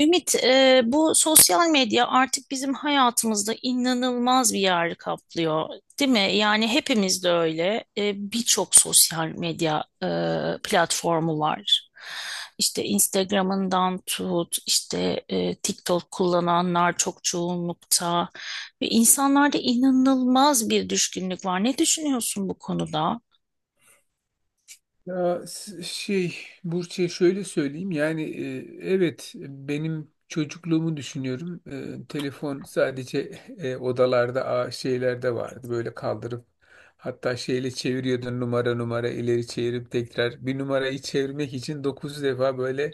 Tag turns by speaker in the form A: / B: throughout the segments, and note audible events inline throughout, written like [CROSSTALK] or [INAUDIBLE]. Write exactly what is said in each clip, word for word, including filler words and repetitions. A: Ümit, e, bu sosyal medya artık bizim hayatımızda inanılmaz bir yer kaplıyor, değil mi? Yani hepimiz de öyle. E, birçok sosyal medya e, platformu var. İşte Instagram'ından tut, işte e, TikTok kullananlar çok çoğunlukta ve insanlarda inanılmaz bir düşkünlük var. Ne düşünüyorsun bu konuda?
B: Ya s- şey Burç'e şöyle söyleyeyim, yani e, evet, benim çocukluğumu düşünüyorum. E, telefon sadece [LAUGHS] e, odalarda, a, şeylerde vardı, böyle kaldırıp hatta şeyle çeviriyordun, numara numara ileri çevirip tekrar bir numarayı çevirmek için dokuz defa böyle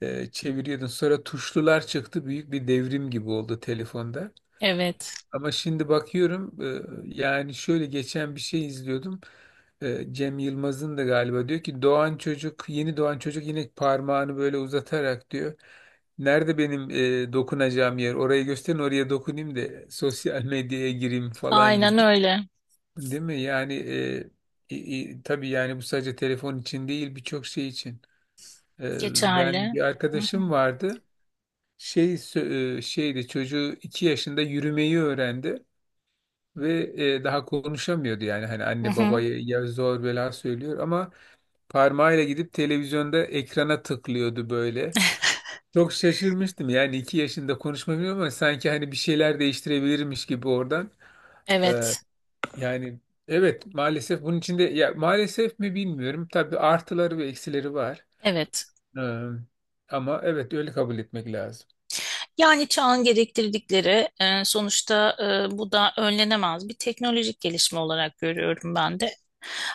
B: e, çeviriyordun. Sonra tuşlular çıktı, büyük bir devrim gibi oldu telefonda.
A: Evet.
B: Ama şimdi bakıyorum, e, yani şöyle, geçen bir şey izliyordum. E, Cem Yılmaz'ın da galiba, diyor ki doğan çocuk, yeni doğan çocuk, yine parmağını böyle uzatarak diyor: "Nerede benim e, dokunacağım yer? Orayı gösterin, oraya dokunayım da sosyal [LAUGHS] medyaya gireyim," falan
A: Aynen
B: gibi.
A: öyle.
B: Değil mi? Yani e, i- i- tabii, yani bu sadece telefon için değil, birçok şey için. E, Ben
A: Geçerli.
B: bir
A: Hı hı.
B: arkadaşım vardı. Şey sö- e, şeydi, çocuğu iki yaşında yürümeyi öğrendi ve e, daha konuşamıyordu, yani hani
A: Hı
B: anne
A: hı.
B: babaya ya zor bela söylüyor, ama parmağıyla gidip televizyonda ekrana tıklıyordu böyle. Çok şaşırmıştım yani, iki yaşında konuşmamıyor ama sanki hani bir şeyler değiştirebilirmiş gibi oradan. Ee,
A: Evet.
B: Yani evet, maalesef bunun içinde, ya maalesef mi bilmiyorum, tabii artıları ve eksileri var.
A: Evet.
B: Ee, Ama evet, öyle kabul etmek lazım.
A: Yani çağın gerektirdikleri e, sonuçta e, bu da önlenemez bir teknolojik gelişme olarak görüyorum ben de.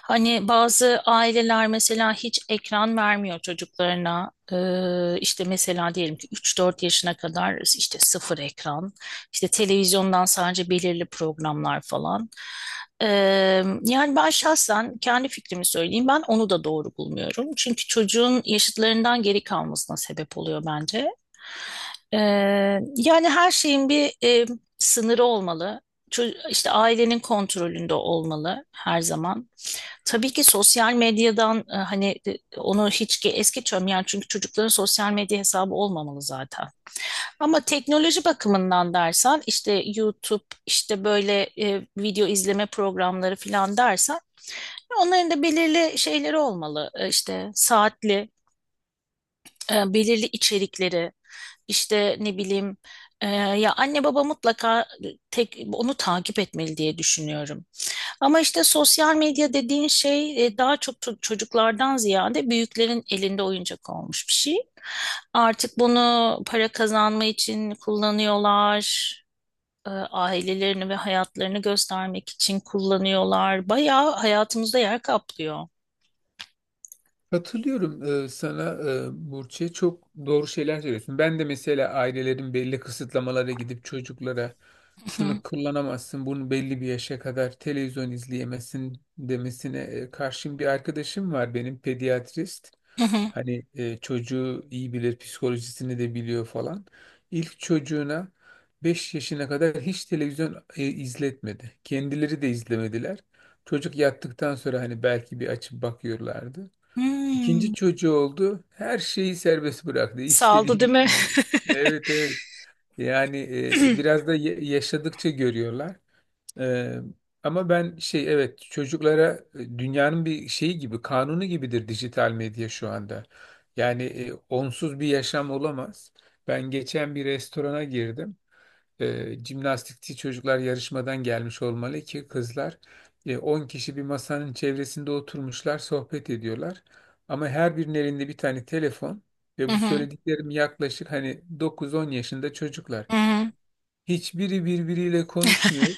A: Hani bazı aileler mesela hiç ekran vermiyor çocuklarına. E, işte mesela diyelim ki üç dört yaşına kadar işte sıfır ekran, işte televizyondan sadece belirli programlar falan. E, yani ben şahsen kendi fikrimi söyleyeyim. Ben onu da doğru bulmuyorum. Çünkü çocuğun yaşıtlarından geri kalmasına sebep oluyor bence. Ee, yani her şeyin bir e, sınırı olmalı. Ço- işte ailenin kontrolünde olmalı her zaman. Tabii ki sosyal medyadan e, hani e, onu hiç ge- es geçiyorum yani, çünkü çocukların sosyal medya hesabı olmamalı zaten. Ama teknoloji bakımından dersen işte YouTube, işte böyle e, video izleme programları falan dersen onların da belirli şeyleri olmalı. E, işte saatli, e, belirli içerikleri. İşte ne bileyim e, ya anne baba mutlaka tek onu takip etmeli diye düşünüyorum. Ama işte sosyal medya dediğin şey e, daha çok to- çocuklardan ziyade büyüklerin elinde oyuncak olmuş bir şey. Artık bunu para kazanma için kullanıyorlar. e, ailelerini ve hayatlarını göstermek için kullanıyorlar. Bayağı hayatımızda yer kaplıyor.
B: Katılıyorum e, sana, e, Burçe. Çok doğru şeyler söylüyorsun. Ben de mesela ailelerin belli kısıtlamalara gidip çocuklara,
A: Hı hı,
B: "Şunu kullanamazsın, bunu belli bir yaşa kadar televizyon izleyemezsin," demesine e, karşın, bir arkadaşım var benim, pediatrist.
A: hı hı.
B: Hani e, çocuğu iyi bilir, psikolojisini de biliyor falan. İlk çocuğuna beş yaşına kadar hiç televizyon e, izletmedi. Kendileri de izlemediler. Çocuk yattıktan sonra hani belki bir açıp bakıyorlardı.
A: Hmm.
B: İkinci çocuğu oldu. Her şeyi serbest bıraktı,
A: Saldı
B: İstediği
A: değil mi?
B: gibi. Evet, evet. Yani
A: [LAUGHS]
B: e, biraz da ye- yaşadıkça görüyorlar. E, Ama ben, şey, evet, çocuklara e, dünyanın bir şeyi gibi, kanunu gibidir dijital medya şu anda. Yani e, onsuz bir yaşam olamaz. Ben geçen bir restorana girdim, e, jimnastikçi çocuklar yarışmadan gelmiş olmalı ki, kızlar e, 10 kişi bir masanın çevresinde oturmuşlar, sohbet ediyorlar. Ama her birinin elinde bir tane telefon, ve
A: Hı
B: bu
A: hı,
B: söylediklerim yaklaşık hani dokuz on yaşında çocuklar.
A: hı hı.
B: Hiçbiri birbiriyle konuşmuyor.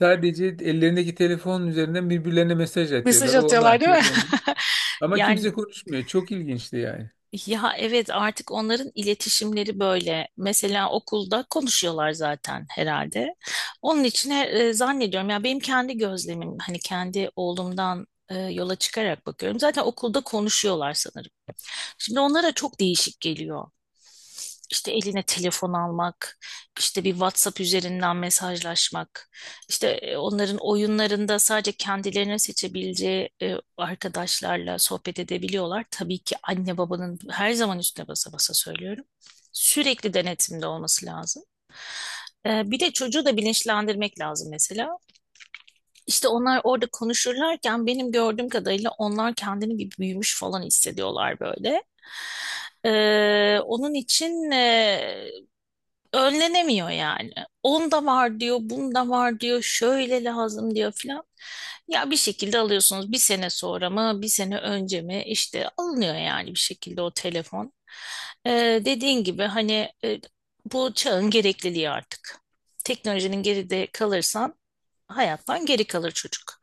B: Sadece ellerindeki telefonun üzerinden birbirlerine mesaj
A: Mesaj
B: atıyorlar. O ona
A: atıyorlar değil
B: atıyor,
A: mi?
B: o ona.
A: [LAUGHS]
B: Ama
A: Yani
B: kimse konuşmuyor. Çok ilginçti yani.
A: ya, evet, artık onların iletişimleri böyle. Mesela okulda konuşuyorlar zaten herhalde. Onun için e, zannediyorum ya, benim kendi gözlemim hani, kendi oğlumdan e, yola çıkarak bakıyorum. Zaten okulda konuşuyorlar sanırım. Şimdi onlara çok değişik geliyor. İşte eline telefon almak, işte bir WhatsApp üzerinden mesajlaşmak. İşte e, onların oyunlarında sadece kendilerinin seçebileceği e, arkadaşlarla sohbet edebiliyorlar. Tabii ki anne babanın her zaman, üstüne basa basa söylüyorum, sürekli denetimde olması lazım. E, bir de çocuğu da bilinçlendirmek lazım mesela. İşte onlar orada konuşurlarken benim gördüğüm kadarıyla onlar kendini bir büyümüş falan hissediyorlar böyle. E, onun için e, önlenemiyor yani. Onda var diyor, bunda var diyor, şöyle lazım diyor filan. Ya bir şekilde alıyorsunuz, bir sene sonra mı, bir sene önce mi işte alınıyor yani bir şekilde o telefon. Ee, dediğin gibi hani e, bu çağın gerekliliği artık. Teknolojinin geride kalırsan hayattan geri kalır çocuk.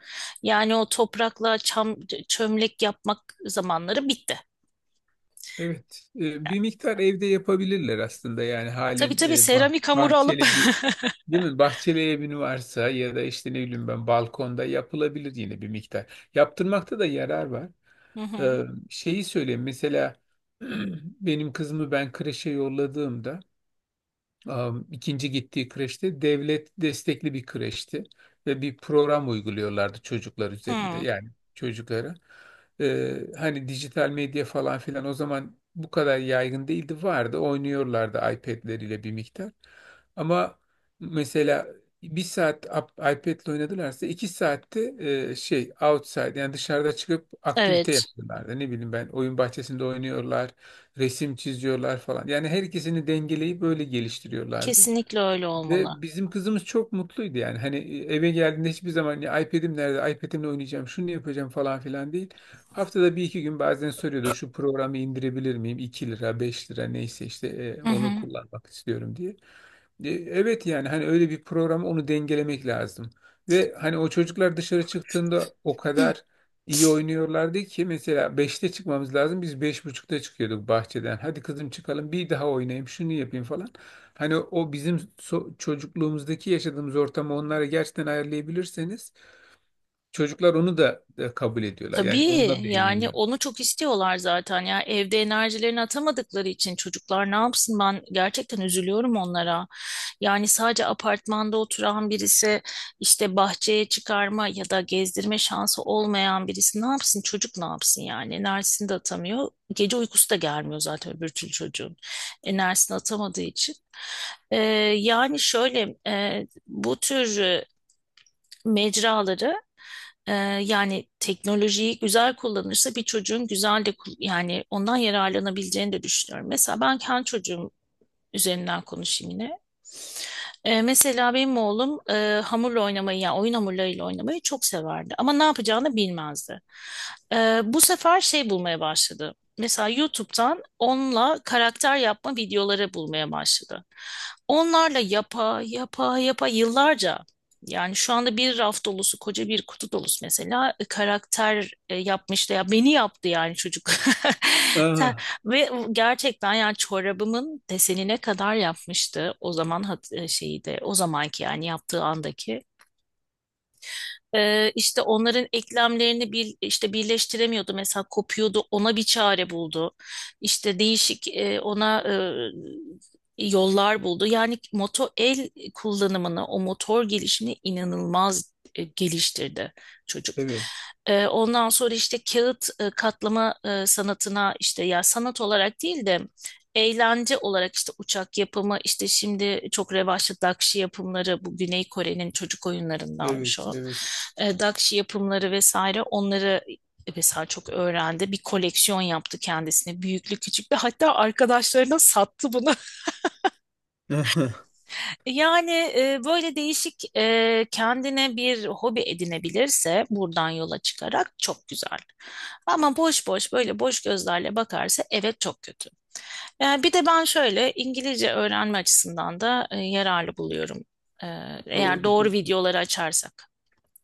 A: Yani o toprakla çam, çömlek yapmak zamanları bitti.
B: Evet, e, bir miktar evde yapabilirler aslında, yani
A: Tabii,
B: halen
A: tabii,
B: e, bah-
A: seramik hamuru alıp
B: bahçeli bir,
A: [LAUGHS]
B: değil mi? Bahçeli evin varsa, ya da işte ne bileyim ben, balkonda yapılabilir yine bir miktar. Yaptırmakta da yarar var.
A: Hı hı.
B: E, Şeyi söyleyeyim mesela. [CLEARS THROAT] Benim kızımı ben kreşe yolladığımda, Am, ikinci gittiği kreşte, devlet destekli bir kreşti, ve bir program uyguluyorlardı çocuklar üzerinde,
A: Hı,
B: yani çocuklara. Ee, hani dijital medya falan filan o zaman bu kadar yaygın değildi, vardı, oynuyorlardı iPad'leriyle bir miktar. Ama mesela bir saat ap- iPad'le oynadılarsa, iki saatte e, şey outside, yani dışarıda çıkıp aktivite
A: evet.
B: yapıyorlardı. Ne bileyim ben, oyun bahçesinde oynuyorlar, resim çiziyorlar falan. Yani her ikisini dengeleyip böyle geliştiriyorlardı.
A: Kesinlikle öyle olmalı.
B: Ve bizim kızımız çok mutluydu yani. Hani e, eve geldiğinde hiçbir zaman, "Ya iPad'im nerede? iPad'imle oynayacağım, şunu yapacağım," falan filan değil. Haftada bir iki gün bazen soruyordu, "Şu programı indirebilir miyim? iki lira, beş lira, neyse işte, e,
A: Hı
B: onu
A: hı.
B: kullanmak istiyorum," diye. E, Evet, yani hani öyle bir programı, onu dengelemek lazım. Ve hani o çocuklar dışarı çıktığında o
A: Hı.
B: kadar iyi oynuyorlardı ki, mesela beşte çıkmamız lazım, biz beş buçukta çıkıyorduk bahçeden. "Hadi kızım çıkalım." "Bir daha oynayayım, şunu yapayım," falan. Hani o bizim so- çocukluğumuzdaki yaşadığımız ortamı onlara gerçekten ayarlayabilirseniz, çocuklar onu da, da kabul ediyorlar. Yani
A: Tabii
B: onunla da
A: yani
B: eğleniyor.
A: onu çok istiyorlar zaten, ya evde enerjilerini atamadıkları için çocuklar ne yapsın, ben gerçekten üzülüyorum onlara. Yani sadece apartmanda oturan birisi, işte bahçeye çıkarma ya da gezdirme şansı olmayan birisi ne yapsın, çocuk ne yapsın yani, enerjisini de atamıyor. Gece uykusu da gelmiyor zaten öbür türlü çocuğun, enerjisini atamadığı için. Ee, yani şöyle e, bu tür e, mecraları, Ee, yani teknolojiyi güzel kullanırsa bir çocuğun güzel de kul- yani ondan yararlanabileceğini de düşünüyorum. Mesela ben kendi çocuğum üzerinden konuşayım yine. Ee, mesela benim oğlum e, hamurla oynamayı, yani oyun hamurlarıyla oynamayı çok severdi. Ama ne yapacağını bilmezdi. Ee, bu sefer şey bulmaya başladı. Mesela YouTube'dan onunla karakter yapma videoları bulmaya başladı. Onlarla yapa, yapa, yapa yıllarca. Yani şu anda bir raf dolusu, koca bir kutu dolusu mesela e, karakter e, yapmıştı. Ya beni yaptı yani çocuk. [LAUGHS] Sen
B: Aha,
A: ve gerçekten yani çorabımın desenine kadar yapmıştı. O zaman hat- e, şeyi de o zamanki yani, yaptığı andaki. Ee, işte onların eklemlerini bir, işte birleştiremiyordu. Mesela kopuyordu. Ona bir çare buldu. İşte değişik e, ona e, yollar buldu. Yani moto el kullanımını, o motor gelişini inanılmaz e, geliştirdi çocuk.
B: evet,
A: Ee, ondan sonra işte kağıt e, katlama e, sanatına, işte ya sanat olarak değil de eğlence olarak, işte uçak yapımı, işte şimdi çok revaçlı Dakşi yapımları, bu Güney Kore'nin çocuk
B: evet,
A: oyunlarındanmış o.
B: evet.
A: E, Dakşi yapımları vesaire, onları e, mesela çok öğrendi. Bir koleksiyon yaptı kendisine, büyüklü küçüklü, hatta arkadaşlarına sattı bunu. [LAUGHS]
B: [LAUGHS]
A: Yani e, böyle değişik e, kendine bir hobi edinebilirse buradan yola çıkarak çok güzel. Ama boş boş, böyle boş gözlerle bakarsa evet, çok kötü. Yani bir de ben şöyle İngilizce öğrenme açısından da e, yararlı buluyorum. E, eğer doğru
B: Doğrudur.
A: videoları açarsak.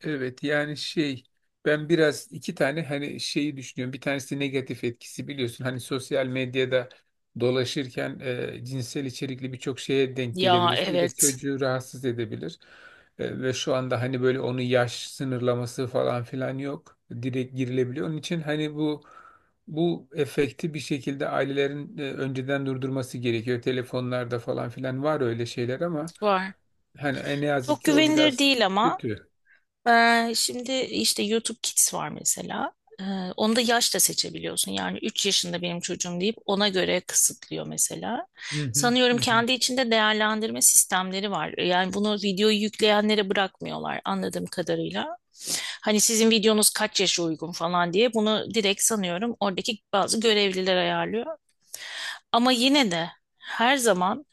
B: Evet, yani şey, ben biraz iki tane hani şeyi düşünüyorum. Bir tanesi negatif etkisi, biliyorsun. Hani sosyal medyada dolaşırken, e, cinsel içerikli birçok şeye denk
A: Ya
B: gelebilirsin. Bu da
A: evet,
B: çocuğu rahatsız edebilir. E, ve şu anda hani böyle onun yaş sınırlaması falan filan yok. Direkt girilebiliyor. Onun için hani bu bu efekti bir şekilde ailelerin e, önceden durdurması gerekiyor. Telefonlarda falan filan var öyle şeyler ama,
A: var.
B: hani en yazık
A: Çok
B: ki o
A: güvenilir
B: biraz
A: değil ama.
B: kötü.
A: Ee, şimdi işte YouTube Kids var mesela. Ee, onu da yaşla seçebiliyorsun. Yani üç yaşında benim çocuğum deyip ona göre kısıtlıyor mesela.
B: Hı hı,
A: Sanıyorum
B: hı hı.
A: kendi içinde değerlendirme sistemleri var. Yani bunu videoyu yükleyenlere bırakmıyorlar anladığım kadarıyla. Hani sizin videonuz kaç yaşa uygun falan diye, bunu direkt sanıyorum oradaki bazı görevliler ayarlıyor. Ama yine de her zaman,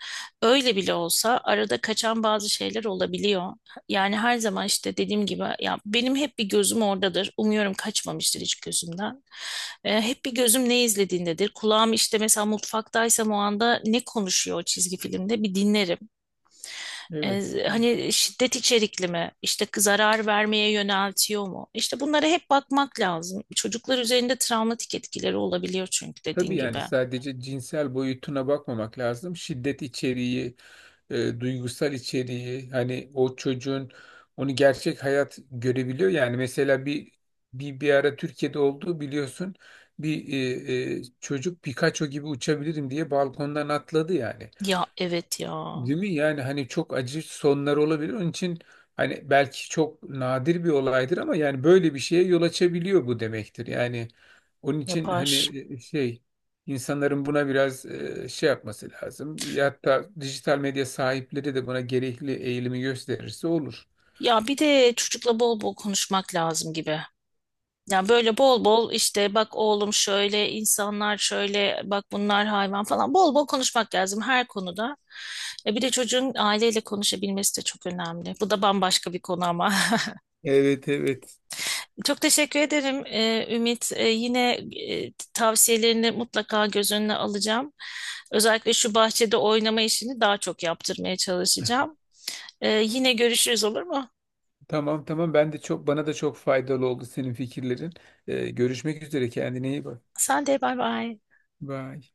A: öyle bile olsa, arada kaçan bazı şeyler olabiliyor. Yani her zaman işte dediğim gibi, ya benim hep bir gözüm oradadır. Umuyorum kaçmamıştır hiç gözümden. Ee, hep bir gözüm ne izlediğindedir. Kulağım, işte mesela mutfaktaysam, o anda ne konuşuyor o çizgi filmde bir dinlerim.
B: Evet,
A: Ee,
B: evet.
A: hani şiddet içerikli mi? İşte zarar vermeye yöneltiyor mu? İşte bunlara hep bakmak lazım. Çocuklar üzerinde travmatik etkileri olabiliyor çünkü,
B: Tabii,
A: dediğin
B: yani
A: gibi.
B: sadece cinsel boyutuna bakmamak lazım. Şiddet içeriği, e, duygusal içeriği, hani o çocuğun, onu gerçek hayat görebiliyor. Yani mesela bir bir bir ara Türkiye'de olduğu, biliyorsun. Bir e, e, çocuk, "Pikachu gibi uçabilirim," diye balkondan atladı yani.
A: Ya evet, ya
B: Değil mi? Yani hani çok acı sonlar olabilir. Onun için hani, belki çok nadir bir olaydır ama yani böyle bir şeye yol açabiliyor bu demektir. Yani onun için hani
A: yapar.
B: e, şey insanların buna biraz e, şey yapması lazım. Ya hatta dijital medya sahipleri de buna gerekli eğilimi gösterirse olur.
A: Ya bir de çocukla bol bol konuşmak lazım gibi. Ya böyle bol bol, işte bak oğlum şöyle insanlar, şöyle bak bunlar hayvan falan, bol bol konuşmak lazım her konuda. E bir de çocuğun aileyle konuşabilmesi de çok önemli. Bu da bambaşka bir konu ama. [LAUGHS]
B: Evet, evet.
A: Çok teşekkür ederim e, Ümit. E, yine e, tavsiyelerini mutlaka göz önüne alacağım. Özellikle şu bahçede oynama işini daha çok yaptırmaya çalışacağım. E, yine görüşürüz, olur mu?
B: Tamam, tamam. Ben de çok, bana da çok faydalı oldu senin fikirlerin. E, görüşmek üzere, kendine iyi bak.
A: Sen de bay bay.
B: Bye.